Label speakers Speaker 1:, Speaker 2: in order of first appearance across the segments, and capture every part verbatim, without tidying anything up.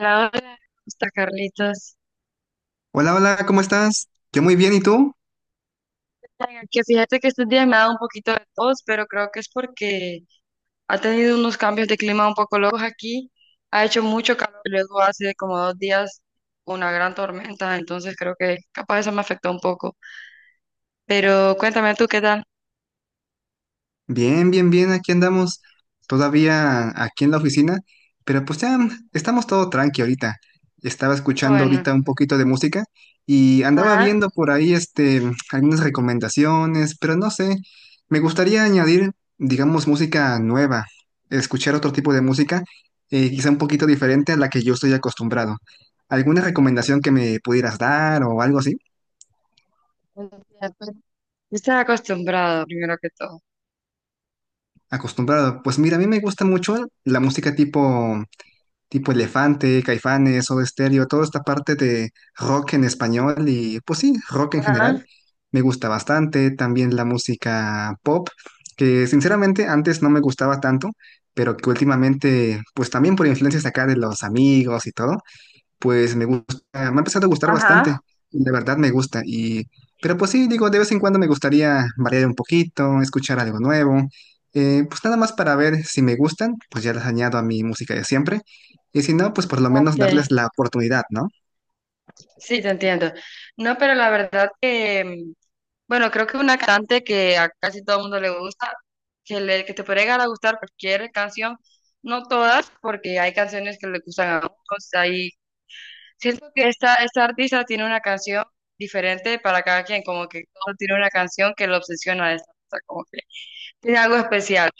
Speaker 1: Hola, hola, está Carlitos.
Speaker 2: Hola, hola, ¿cómo estás? Yo muy bien, ¿y tú?
Speaker 1: Oiga, Que fíjate que estos días me ha dado un poquito de tos, pero creo que es porque ha tenido unos cambios de clima un poco locos aquí. Ha hecho mucho calor y luego hace como dos días una gran tormenta, entonces creo que capaz eso me afectó un poco. Pero cuéntame tú qué tal.
Speaker 2: Bien, bien, bien, aquí andamos todavía aquí en la oficina, pero pues ya estamos todo tranqui ahorita. Estaba
Speaker 1: Ah,
Speaker 2: escuchando
Speaker 1: bueno,
Speaker 2: ahorita un poquito de música y andaba
Speaker 1: ajá.
Speaker 2: viendo por ahí este algunas recomendaciones, pero no sé, me gustaría añadir, digamos, música nueva, escuchar otro tipo de música, eh, quizá un poquito diferente a la que yo estoy acostumbrado. ¿Alguna recomendación que me pudieras dar o algo así?
Speaker 1: Estás acostumbrado, primero que todo.
Speaker 2: Acostumbrado. Pues mira, a mí me gusta mucho la música tipo, tipo Elefante, Caifanes, Soda Stereo, toda esta parte de rock en español y pues sí, rock en general.
Speaker 1: Ajá,
Speaker 2: Me gusta bastante. También la música pop, que sinceramente antes no me gustaba tanto, pero que últimamente, pues también por influencias acá de los amigos y todo, pues me gusta, me ha empezado a gustar bastante,
Speaker 1: ajá.
Speaker 2: de verdad me gusta. Y, pero pues sí, digo, de vez en cuando me gustaría variar un poquito, escuchar algo nuevo, eh, pues nada más para ver si me gustan, pues ya las añado a mi música de siempre. Y si no, pues por lo menos
Speaker 1: Ok.
Speaker 2: darles la oportunidad, ¿no?
Speaker 1: Sí, te entiendo. No, pero la verdad que bueno, creo que una cantante que a casi todo el mundo le gusta, que, le, que te puede llegar a gustar cualquier canción, no todas, porque hay canciones que le gustan a otros. Ahí siento que esta, esta artista tiene una canción diferente para cada quien, como que todo tiene una canción que lo obsesiona a esta artista, como que tiene algo especial.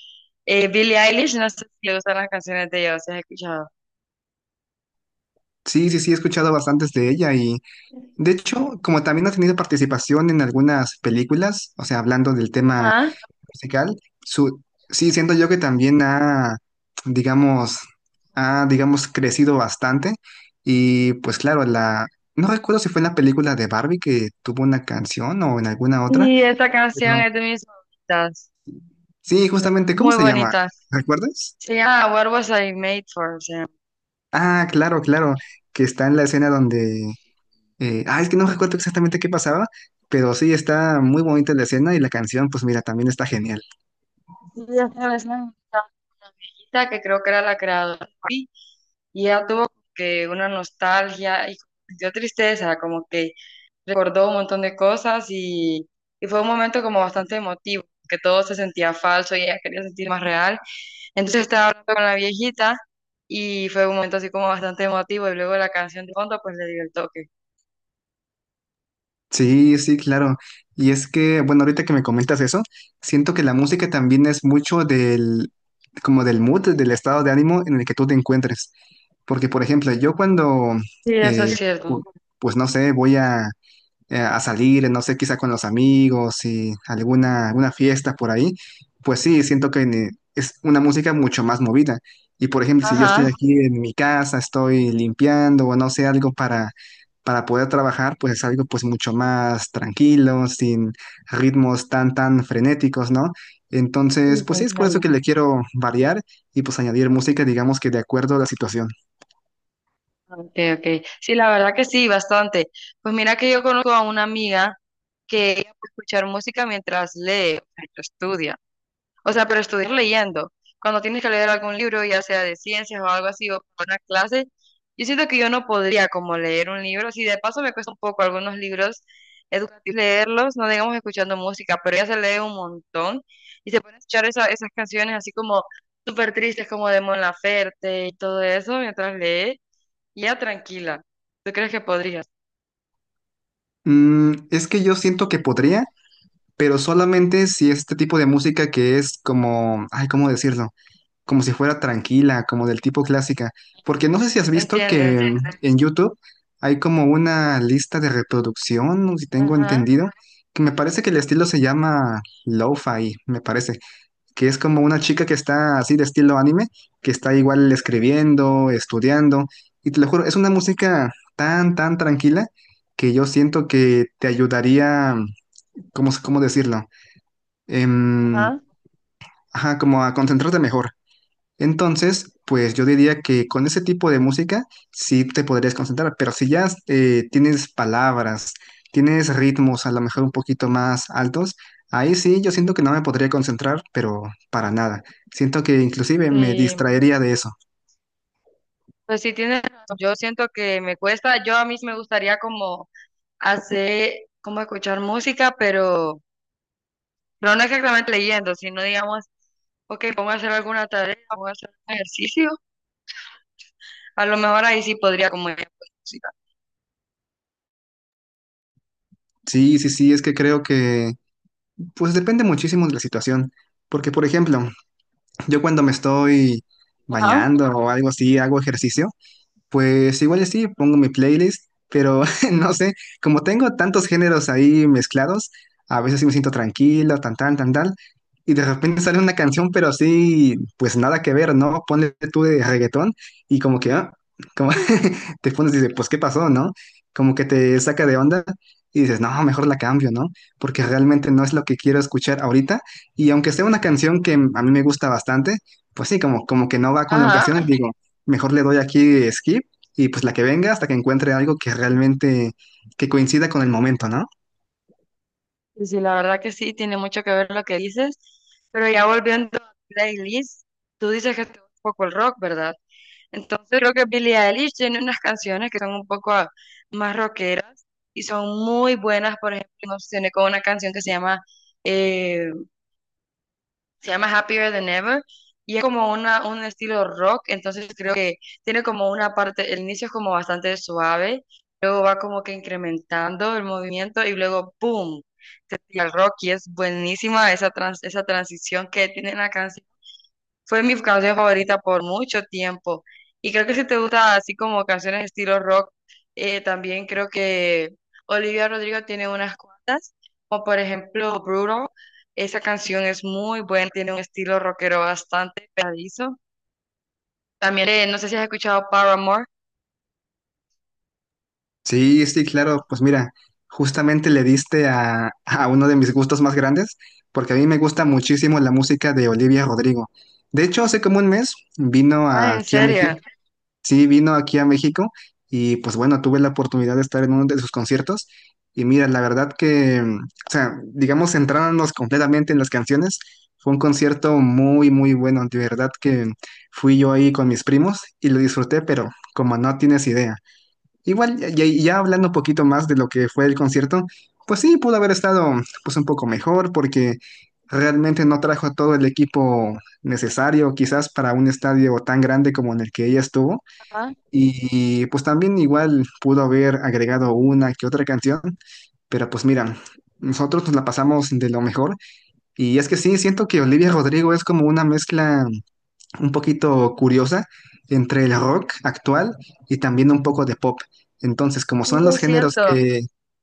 Speaker 1: Eh, Billie Eilish, no sé si te gustan las canciones de ella, si has escuchado.
Speaker 2: Sí, sí, sí, he escuchado bastantes de ella y de hecho, como también ha tenido participación en algunas películas, o sea, hablando del tema
Speaker 1: Ajá.
Speaker 2: musical, su, sí, siento yo que también ha, digamos, ha, digamos, crecido bastante. Y pues claro, la, no recuerdo si fue en la película de Barbie que tuvo una canción o en alguna otra,
Speaker 1: Y esta canción
Speaker 2: pero
Speaker 1: es de mis favoritas,
Speaker 2: sí,
Speaker 1: la-
Speaker 2: justamente, ¿cómo
Speaker 1: muy
Speaker 2: se llama?
Speaker 1: bonita.
Speaker 2: ¿Recuerdas?
Speaker 1: Se llama What Was I Made For?
Speaker 2: Ah, claro, claro, que está en la escena donde, eh, ah, es que no recuerdo exactamente qué pasaba, pero sí, está muy bonita la escena y la canción, pues mira, también está genial.
Speaker 1: Sí, esta vez me invitaron una viejita que creo que era la creadora de Barbie, y ella tuvo como que una nostalgia y como que sintió tristeza, como que recordó un montón de cosas y, y fue un momento como bastante emotivo, que todo se sentía falso y ella quería sentir más real. Entonces estaba hablando con la viejita y fue un momento así como bastante emotivo y luego la canción de fondo pues le dio el toque.
Speaker 2: Sí, sí, claro. Y es que, bueno, ahorita que me comentas eso, siento que la música también es mucho del, como del mood, del estado de ánimo en el que tú te encuentres. Porque, por ejemplo, yo cuando,
Speaker 1: Sí, eso es
Speaker 2: eh,
Speaker 1: cierto.
Speaker 2: pu- pues no sé, voy a, eh, a salir, no sé, quizá con los amigos y alguna, alguna fiesta por ahí, pues sí, siento que ne- es una música mucho más movida. Y por ejemplo, si yo estoy
Speaker 1: Ajá.
Speaker 2: aquí en mi casa, estoy limpiando o no sé, algo para, para poder trabajar, pues es algo pues mucho más tranquilo, sin ritmos tan, tan frenéticos, ¿no? Entonces,
Speaker 1: Sí, te
Speaker 2: pues sí, es por eso
Speaker 1: entiendo.
Speaker 2: que le quiero variar y pues añadir música, digamos que de acuerdo a la situación.
Speaker 1: Okay, okay. Sí, la verdad que sí, bastante. Pues mira que yo conozco a una amiga que ella puede escuchar música mientras lee, o sea, que estudia. O sea, pero estudiar leyendo. Cuando tienes que leer algún libro, ya sea de ciencias o algo así, o para una clase, yo siento que yo no podría como leer un libro. Si de paso me cuesta un poco algunos libros educativos leerlos, no digamos escuchando música, pero ella se lee un montón y se pone a escuchar esa- esas canciones así como súper tristes, como de Mon Laferte y todo eso mientras lee. Ya tranquila. ¿Tú crees que podrías?
Speaker 2: Mm, es que yo siento que podría, pero solamente si este tipo de música que es como, ay, ¿cómo decirlo? Como si fuera tranquila, como del tipo clásica. Porque no sé si has
Speaker 1: Te
Speaker 2: visto
Speaker 1: entiendo.
Speaker 2: que en en YouTube hay como una lista de reproducción, ¿no? Si tengo
Speaker 1: Ajá,
Speaker 2: entendido, que me parece que el estilo se llama lo-fi, me parece que es como una chica que está así de estilo anime, que está igual escribiendo, estudiando, y te lo juro, es una música tan, tan tranquila que yo siento que te ayudaría, ¿cómo, cómo decirlo? Em,
Speaker 1: ajá.
Speaker 2: ajá, como a concentrarte mejor. Entonces, pues yo diría que con ese tipo de música sí te podrías concentrar, pero si ya eh, tienes palabras, tienes ritmos a lo mejor un poquito más altos, ahí sí yo siento que no me podría concentrar, pero para nada. Siento que inclusive me
Speaker 1: Sí.
Speaker 2: distraería de eso.
Speaker 1: Pues sí, tienes razón. Yo siento que me cuesta. Yo a mí sí me gustaría como hacer, como escuchar música, pero, pero no exactamente leyendo, sino digamos, ok, pongo a hacer alguna tarea, pongo a hacer un ejercicio. A lo mejor ahí sí podría como ir, pues, música.
Speaker 2: Sí, sí, sí, es que creo que pues depende muchísimo de la situación, porque por ejemplo, yo cuando me estoy
Speaker 1: Ajá,
Speaker 2: bañando o algo así, hago ejercicio. Pues igual y sí, pongo mi playlist, pero no sé, como tengo tantos géneros ahí mezclados, a veces sí me siento tranquilo, tan tan, tan tal, y de repente sale una canción, pero sí pues nada que ver, ¿no? Ponle tú de reggaetón y como que, ah, te pones y dices, pues, ¿qué pasó, no? Como que te saca de onda y dices, no, mejor la cambio, ¿no? Porque realmente no es lo que quiero escuchar ahorita. Y aunque sea una canción que a mí me gusta bastante, pues sí, como, como que no va con la
Speaker 1: ajá.
Speaker 2: ocasión, digo, mejor le doy aquí skip y pues la que venga hasta que encuentre algo que realmente, que coincida con el momento, ¿no?
Speaker 1: Sí, sí, la verdad que sí, tiene mucho que ver lo que dices. Pero ya volviendo a playlist, tú dices que te gusta un poco el rock, ¿verdad? Entonces creo que Billie Eilish tiene unas canciones que son un poco ah, más rockeras y son muy buenas. Por ejemplo, me obsesioné con una canción que se llama, eh, se llama Happier Than Ever y es como una, un estilo rock. Entonces creo que tiene como una parte, el inicio es como bastante suave, luego va como que incrementando el movimiento y luego ¡boom! Te tira el rock y es buenísima esa, trans- esa transición que tiene la canción. Fue mi canción favorita por mucho tiempo. Y creo que si te gusta así como canciones estilo rock, eh, también creo que Olivia Rodrigo tiene unas cuantas, como por ejemplo Brutal. Esa canción es muy buena, tiene un estilo rockero bastante pegadizo. También, eh, no sé si has escuchado Paramore.
Speaker 2: Sí, sí, claro. Pues mira, justamente le diste a, a uno de mis gustos más grandes, porque a mí me gusta muchísimo la música de Olivia Rodrigo. De hecho, hace como un mes vino
Speaker 1: Ah, en
Speaker 2: aquí a México.
Speaker 1: serio.
Speaker 2: Sí, vino aquí a México y pues bueno, tuve la oportunidad de estar en uno de sus conciertos. Y mira, la verdad que, mm, o sea, digamos, centrándonos completamente en las canciones, fue un concierto muy, muy bueno. De verdad que fui yo ahí con mis primos y lo disfruté, pero como no tienes idea. Igual, ya, ya- ya hablando un poquito más de lo que fue el concierto, pues sí, pudo haber estado pues un poco mejor porque realmente no trajo todo el equipo necesario quizás para un estadio tan grande como en el que ella estuvo.
Speaker 1: Ah,
Speaker 2: Y pues también igual pudo haber agregado una que otra canción, pero pues mira, nosotros nos la pasamos de lo mejor. Y es que sí, siento que Olivia Rodrigo es como una mezcla un poquito curiosa entre el rock actual y también un poco de pop. Entonces, como
Speaker 1: sí,
Speaker 2: son los
Speaker 1: es
Speaker 2: géneros
Speaker 1: cierto.
Speaker 2: que,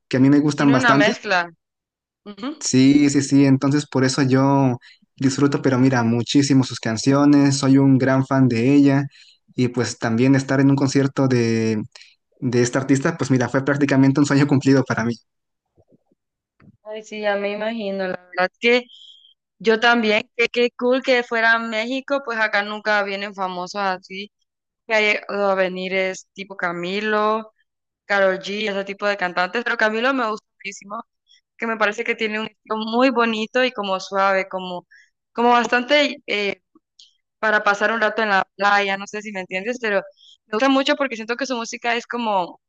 Speaker 2: que a mí me gustan
Speaker 1: Tiene una
Speaker 2: bastante,
Speaker 1: mezcla. Ujú.
Speaker 2: sí, sí, sí, entonces por eso yo disfruto, pero mira, muchísimo sus canciones, soy un gran fan de ella y pues también estar en un concierto de, de esta artista, pues mira, fue prácticamente un sueño cumplido para mí.
Speaker 1: Ay, sí, ya me imagino, la verdad que yo también, que qué cool que fuera a México, pues acá nunca vienen famosos así, que ha llegado a venir es tipo Camilo, Karol G, ese tipo de cantantes, pero Camilo me gusta muchísimo, que me parece que tiene un estilo muy bonito y como suave, como, como bastante eh, para pasar un rato en la playa, no sé si me entiendes, pero me gusta mucho porque siento que su música es como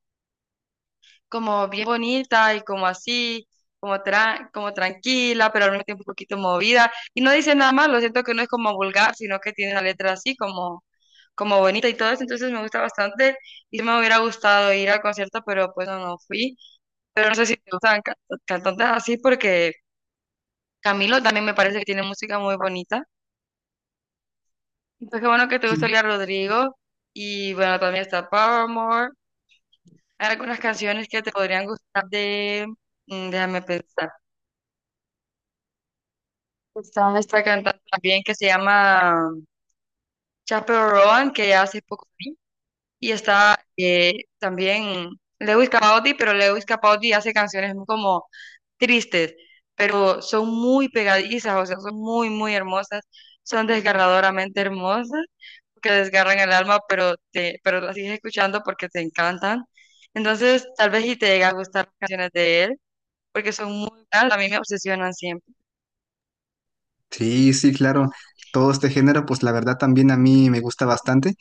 Speaker 1: como bien bonita y como así, como, tra- como tranquila, pero al mismo tiempo un poquito movida. Y no dice nada más lo siento que no es como vulgar, sino que tiene la letra así como, como bonita y todo eso, entonces me gusta bastante. Y sí me hubiera gustado ir al concierto, pero pues no, no fui. Pero no sé si te gustan ca- cantantes así porque Camilo también me parece que tiene música muy bonita. Entonces qué bueno que te gusta Olivia Rodrigo y bueno, también está Paramore. Hay algunas canciones que te podrían gustar de... mm, déjame pensar. Está esta cantante también que se llama Chappell Roan, que ya hace poco vi. Y está eh, también Lewis Capaldi, pero Lewis Capaldi hace canciones como tristes, pero son muy pegadizas, o sea, son muy, muy hermosas. Son desgarradoramente hermosas, que desgarran el alma, pero, te, pero las sigues escuchando porque te encantan. Entonces, tal vez y te llega a gustar las canciones de él, porque son muy... buenas. A mí me obsesionan siempre.
Speaker 2: Sí, sí, claro. Todo este género, pues la verdad también a mí me gusta bastante.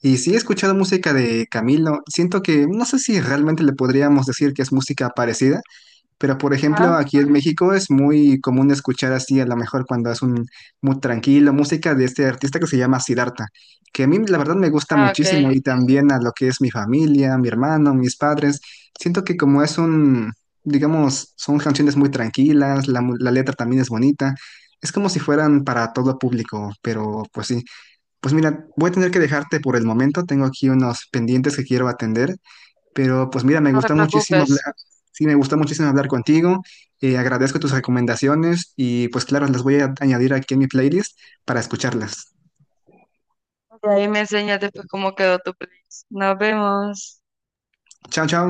Speaker 2: Y sí he escuchado música de Camilo. Siento que, no sé si realmente le podríamos decir que es música parecida, pero, por ejemplo,
Speaker 1: Ah,
Speaker 2: aquí en México es muy común escuchar así, a lo mejor cuando es un muy tranquilo, música de este artista que se llama Siddhartha, que a mí la verdad me gusta
Speaker 1: ah, ok.
Speaker 2: muchísimo y también a lo que es mi familia, mi hermano, mis padres. Siento que como es un, digamos, son canciones muy tranquilas, la, mu- la letra también es bonita, es como si fueran para todo público, pero pues sí. Pues mira, voy a tener que dejarte por el momento, tengo aquí unos pendientes que quiero atender. Pero pues mira, me
Speaker 1: No te
Speaker 2: gusta muchísimo
Speaker 1: preocupes.
Speaker 2: hablar, sí, me gusta muchísimo hablar contigo. Eh, agradezco tus recomendaciones y pues claro, las voy a añadir aquí en mi playlist para escucharlas.
Speaker 1: Y ahí me enseñas después cómo quedó tu playlist. Nos vemos.
Speaker 2: Chao, chao.